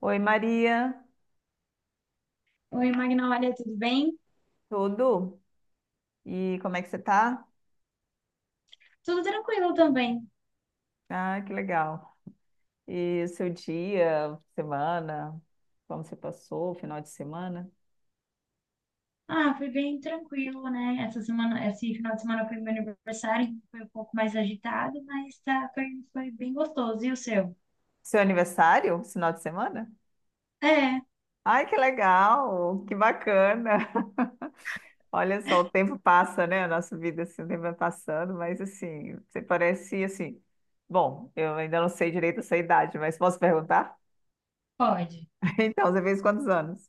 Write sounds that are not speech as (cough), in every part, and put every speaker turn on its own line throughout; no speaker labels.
Oi, Maria,
Oi, Magnólia, tudo bem?
tudo? E como é que você tá?
Tudo tranquilo também.
Ah, que legal. E seu dia, semana, como você passou, final de semana?
Ah, foi bem tranquilo, né? Essa semana, esse final de semana foi meu aniversário, então foi um pouco mais agitado, mas tá, foi bem gostoso. E o seu?
Seu aniversário, final de semana?
É,
Ai, que legal, que bacana. (laughs) Olha só, o tempo passa, né? A nossa vida, assim, o tempo vai passando, mas assim, você parece assim. Bom, eu ainda não sei direito a sua idade, mas posso perguntar?
pode.
(laughs) Então, você fez quantos anos?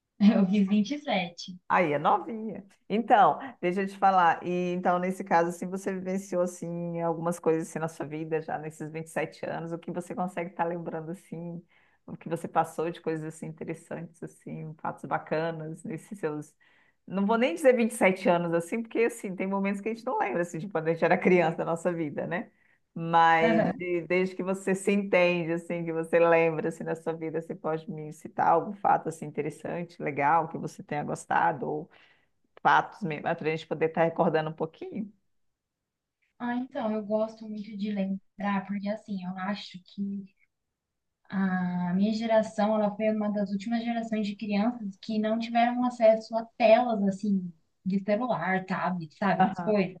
(laughs) Eu fiz 27.
Aí é novinha. Então, deixa eu te falar. E então, nesse caso, assim, você vivenciou assim algumas coisas assim na sua vida já nesses 27 anos, o que você consegue estar lembrando assim, o que você passou de coisas assim interessantes assim, fatos bacanas nesses seus. Não vou nem dizer 27 anos assim, porque assim, tem momentos que a gente não lembra assim de quando a gente era criança da nossa vida, né? Mas
Aham.
desde que você se entende, assim, que você lembra, assim, na sua vida, você pode me citar algum fato, assim, interessante, legal, que você tenha gostado, ou fatos mesmo, para a gente poder estar recordando um pouquinho?
Ah, então, eu gosto muito de lembrar, porque assim, eu acho que a minha geração, ela foi uma das últimas gerações de crianças que não tiveram acesso a telas, assim, de celular, tablet, sabe, essas
Aham,
coisas.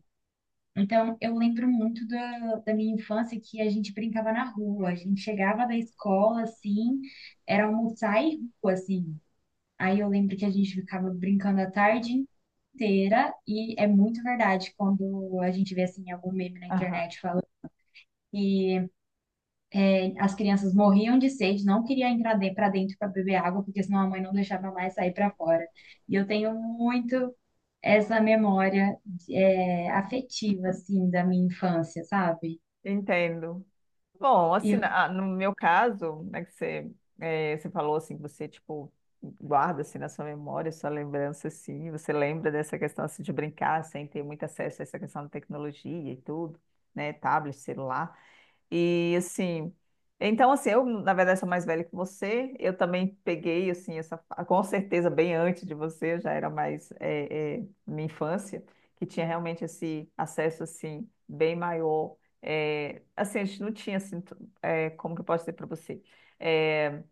Então, eu lembro muito da minha infância que a gente brincava na rua. A gente chegava da escola, assim, era almoçar e rua, assim. Aí eu lembro que a gente ficava brincando a tarde inteira, e é muito verdade quando a gente vê, assim, algum meme na
aham,
internet falando que as crianças morriam de sede, não queriam entrar para dentro para beber água, porque senão a mãe não deixava mais sair para fora. E eu tenho muito essa memória, é, afetiva, assim, da minha infância, sabe?
entendo. Bom, assim,
E
no meu caso, né, que você, você falou, assim, que você, tipo, guarda, assim, na sua memória, sua lembrança, assim, você lembra dessa questão, assim, de brincar, sem ter muito acesso a essa questão da tecnologia e tudo, né, tablet, celular. E assim, eu na verdade sou mais velha que você, eu também peguei assim essa, com certeza bem antes de você, eu já era mais minha infância, que tinha realmente esse acesso assim bem maior. É, assim, a gente não tinha assim, como que eu posso dizer para você? É,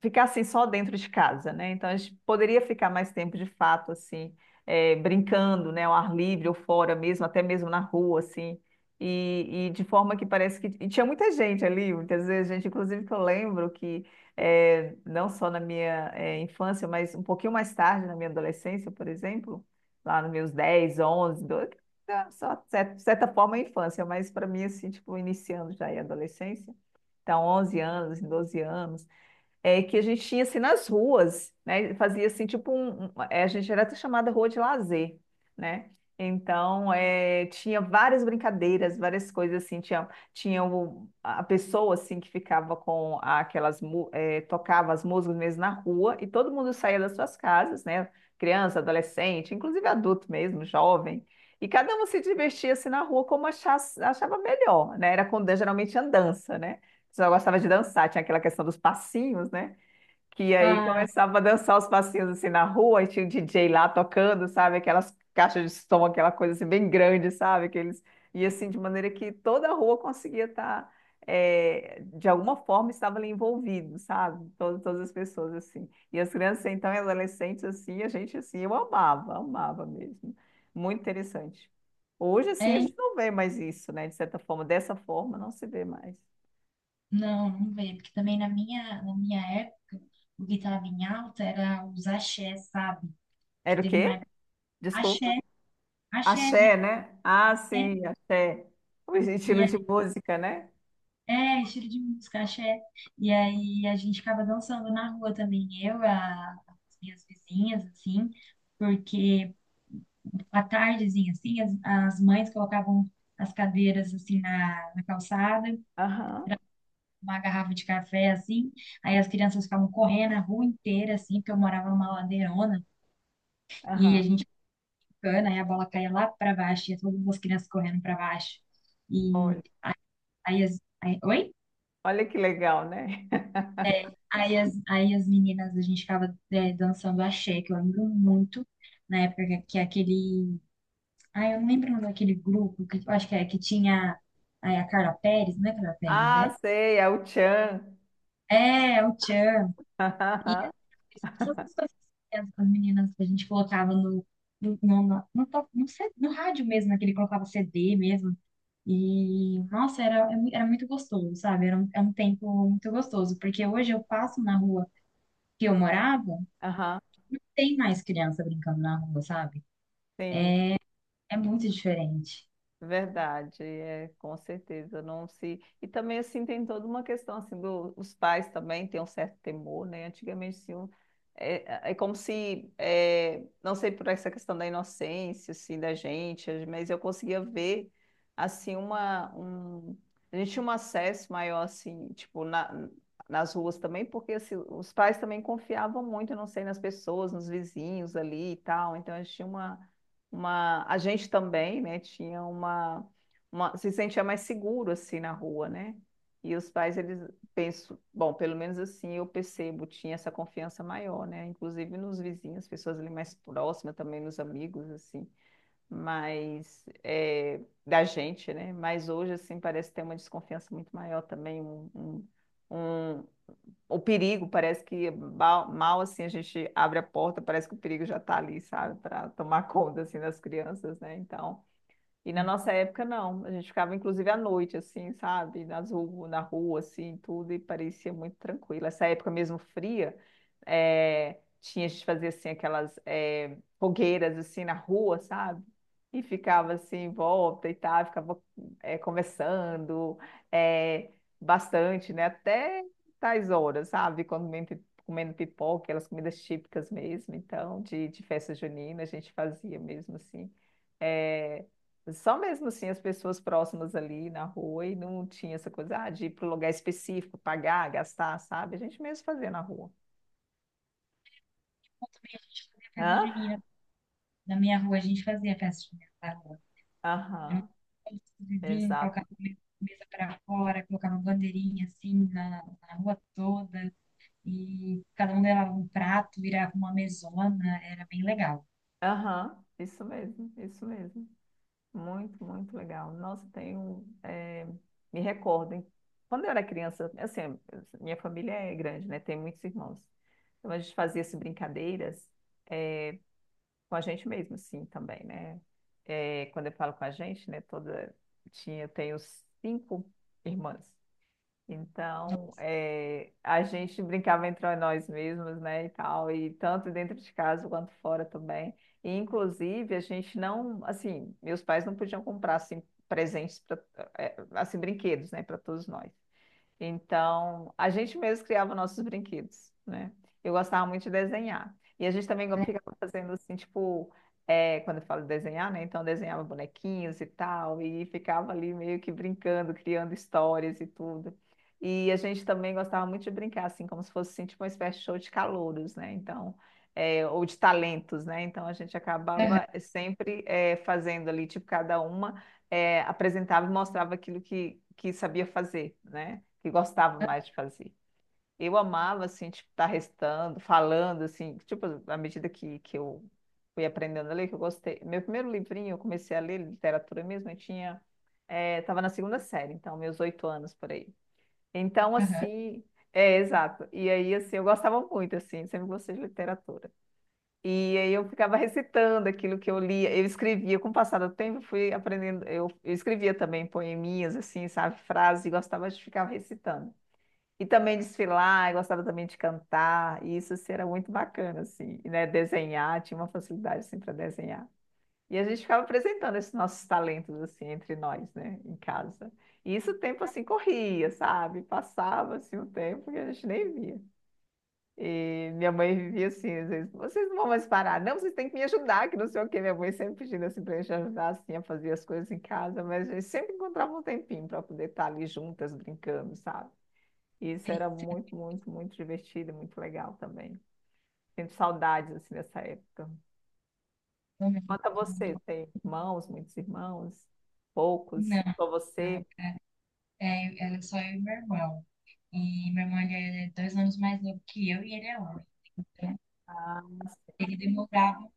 ficar assim só dentro de casa, né? Então a gente poderia ficar mais tempo de fato assim, brincando, né, ao ar livre ou fora mesmo, até mesmo na rua assim. E de forma que parece que e tinha muita gente ali, muitas vezes gente, inclusive que eu lembro que não só na minha infância, mas um pouquinho mais tarde na minha adolescência, por exemplo, lá nos meus 10, 11, 12, né, só de certa forma a infância, mas para mim assim, tipo, iniciando já a adolescência, então 11 anos, 12 anos, é, que a gente tinha assim nas ruas, né? Fazia assim tipo a gente era até chamada rua de lazer, né? Então é, tinha várias brincadeiras, várias coisas assim, tinha a pessoa assim que ficava com aquelas tocava as músicas mesmo na rua e todo mundo saía das suas casas, né? Criança, adolescente, inclusive adulto mesmo, jovem. E cada um se divertia assim na rua como achava melhor, né? Era com, geralmente andança, né? Só gostava de dançar, tinha aquela questão dos passinhos, né? Que aí
ah,
começava a dançar os passinhos assim na rua, e tinha o DJ lá tocando, sabe? Aquelas caixas de som, aquela coisa assim bem grande, sabe? Aqueles... E assim, de maneira que toda a rua conseguia estar, de alguma forma, estava ali envolvido, sabe? Todas as pessoas assim. E as crianças, então, e adolescentes, assim, a gente, assim, eu amava, amava mesmo. Muito interessante. Hoje, assim, a
é?
gente não vê mais isso, né? De certa forma, dessa forma, não se vê mais.
Não, não veio, porque também na minha época, o que estava em alta era os axé, sabe? Que
Era o
teve uma
quê?
época, axé,
Desculpa.
axé, de-
Axé, né? Ah,
é,
sim, axé. O
e
estilo
é,
de música, né?
é, estilo de música, axé. E aí a gente ficava dançando na rua também, eu, as minhas vizinhas, assim, porque à tardezinha, assim, as mães colocavam as cadeiras, assim, na calçada
Aham,
uma garrafa de café, assim. Aí as crianças ficavam correndo a rua inteira, assim, porque eu morava numa ladeirona. E
aham.
a gente ficando, aí a bola caía lá para baixo, e todas as crianças correndo para baixo. E
Olha,
aí as... Aí, oi?
olha que legal, né? (laughs)
Aí as meninas, a gente ficava é, dançando axé, que eu lembro muito, na época que aquele... Ah, eu não lembro o nome daquele grupo, que, eu acho que é que tinha aí a Carla Pérez, não é Carla Pérez,
Ah,
né?
sei, é o tchan.
É, o Tchan.
(laughs) Aham,
Essas coisas com as meninas que a gente colocava no, no, no, no, no, to- no C- no rádio mesmo, naquele que colocava CD mesmo. E, nossa, era muito gostoso, sabe? Era um, é um tempo muito gostoso, porque hoje eu passo na rua que eu morava,
aham,
tem mais criança brincando na rua, sabe?
sim.
É muito diferente.
Verdade, é, com certeza, não se... E também, assim, tem toda uma questão, assim, do, os pais também têm um certo temor, né? Antigamente, assim, é como se, é, não sei por essa questão da inocência, assim, da gente, mas eu conseguia ver, assim, uma... Um... A gente tinha um acesso maior, assim, tipo, na, nas ruas também, porque, assim, os pais também confiavam muito, eu não sei, nas pessoas, nos vizinhos ali e tal, então a gente tinha uma a gente também, né, tinha uma se sentia mais seguro assim na rua, né? E os pais eles penso, bom, pelo menos assim eu percebo, tinha essa confiança maior, né? Inclusive nos vizinhos, pessoas ali mais próximas, também nos amigos assim, mas é, da gente, né? Mas hoje assim parece ter uma desconfiança muito maior também, um, o perigo, parece que mal assim a gente abre a porta, parece que o perigo já está ali, sabe, para tomar (laughs) conta assim das crianças, né? Então, e na
E
nossa época, não. A gente ficava, inclusive, à noite, assim, sabe? Na rua, assim, tudo, e parecia muito tranquilo. Essa época mesmo fria, tinha, a gente fazia, assim, aquelas fogueiras, assim, na rua, sabe? E ficava, assim, em volta e tal, ficava conversando eh, bastante, né? Até tais horas, sabe? Quando comendo pipoca, aquelas comidas típicas mesmo, então, de festa junina, a gente fazia mesmo, assim. Eh, só mesmo assim as pessoas próximas ali na rua e não tinha essa coisa ah, de ir para um lugar específico, pagar, gastar, sabe? A gente mesmo fazia na rua.
como também a gente fazia festa
Hã?
junina. Na minha rua, a gente fazia festa junina na rua. Juntava
Aham,
todos os vizinhos,
exato.
colocava mesa para fora, colocava bandeirinha assim na rua toda. E cada um levava um prato, virava uma mesona, era bem legal.
Aham, isso mesmo, isso mesmo. Muito, muito legal. Nossa, tenho. Me recordo, hein? Quando eu era criança, assim, minha família é grande, né? Tem muitos irmãos. Então a gente fazia assim, brincadeiras. Com a gente mesmo, assim, também, né? É, quando eu falo com a gente, né, toda, tinha, eu tenho cinco irmãs. Então, é, a gente brincava entre nós mesmos, né, e tal, e tanto dentro de casa quanto fora também. E, inclusive, a gente não, assim, meus pais não podiam comprar, assim, presentes, pra, assim, brinquedos, né, para todos nós. Então, a gente mesmo criava nossos brinquedos, né? Eu gostava muito de desenhar. E a gente também ficava fazendo assim, tipo, é, quando eu falo desenhar, né? Então, eu desenhava bonequinhos e tal, e ficava ali meio que brincando, criando histórias e tudo. E a gente também gostava muito de brincar, assim, como se fosse assim, tipo uma espécie de show de calouros, né? Então, é, ou de talentos, né? Então, a gente
Aham,
acabava sempre é, fazendo ali, tipo, cada uma é, apresentava e mostrava aquilo que, sabia fazer, né? que gostava mais de fazer. Eu amava, assim, tipo, estar restando, falando, assim, tipo, à medida que, eu fui aprendendo a ler, que eu gostei. Meu primeiro livrinho, eu comecei a ler literatura mesmo, eu tinha, estava na segunda série, então, meus 8 anos por aí. Então,
aham.
assim, é, exato. E aí, assim, eu gostava muito, assim, sempre gostei de literatura. E aí eu ficava recitando aquilo que eu lia, eu escrevia, com o passar do tempo, eu fui aprendendo, eu escrevia também poeminhas, assim, sabe, frases, e gostava de ficar recitando. E também desfilar, eu gostava também de cantar, e isso assim, era muito bacana, assim, e, né? Desenhar, tinha uma facilidade assim para desenhar. E a gente ficava apresentando esses nossos talentos assim entre nós, né, em casa. E isso o tempo assim corria, sabe? Passava assim o tempo que a gente nem via. E minha mãe vivia assim, às vezes, vocês não vão mais parar, não, vocês têm que me ajudar, que não sei o quê. Minha mãe sempre pedindo assim para a gente ajudar assim a fazer as coisas em casa, mas a gente sempre encontrava um tempinho para poder estar ali juntas brincando, sabe? E Isso
Sei,
era muito,
sei,
muito, muito divertido e muito legal também. Sinto saudades, assim, dessa época.
eu
Quanto a você,
lembro.
tem irmãos, muitos irmãos? Poucos?
Não,
Só
não,
você?
era, era só eu e meu irmão. E meu irmão ele é 2 anos mais novo que eu e ele é homem. Então,
Ah,
ele demorava.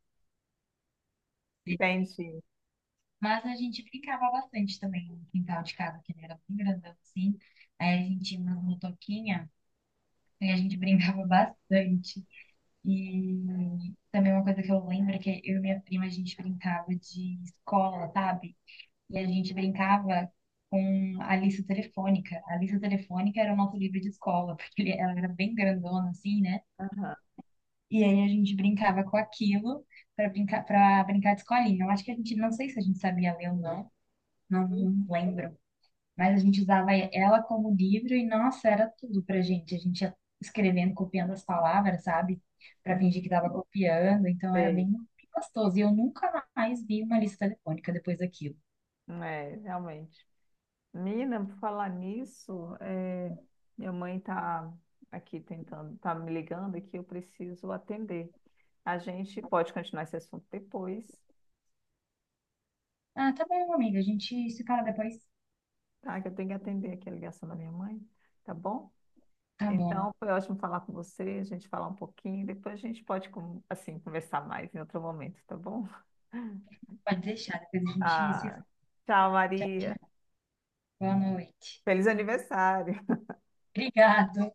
entendi.
Mas a gente brincava bastante também no quintal de casa, que ele era bem grandão assim. Aí a gente tinha uma motoquinha e a gente brincava (laughs) bastante. E também uma coisa que eu lembro é que eu e minha prima, a gente brincava de escola, sabe? E a gente brincava com a lista telefônica. A lista telefônica era o nosso livro de escola, (laughs) porque ela era bem grandona, assim, né?
Aham.
E aí a gente brincava com aquilo para brincar de escolinha. Eu acho que a gente, não sei se a gente sabia ler ou não, não lembro. Mas a gente usava ela como livro e, nossa, era tudo pra gente. A gente ia escrevendo, copiando as palavras, sabe? Pra
Não
fingir que tava copiando. Então era
Sei.
bem gostoso. E eu nunca mais vi uma lista telefônica depois daquilo.
É, realmente. Mina, por falar nisso, é, minha mãe está aqui tentando, tá me ligando aqui, eu preciso atender. A gente pode continuar esse assunto depois,
Ah, tá bom, amiga. A gente se fala depois.
tá? Que eu tenho que atender aqui a ligação da minha mãe, tá bom?
Tá bom.
Então, foi ótimo falar com você, a gente falar um pouquinho, depois a gente pode, assim, conversar mais em outro momento, tá bom? (laughs)
Pode deixar. Depois a gente se
Ah,
fala.
tchau,
Tchau,
Maria.
tchau. Boa noite.
Feliz aniversário.
Obrigado.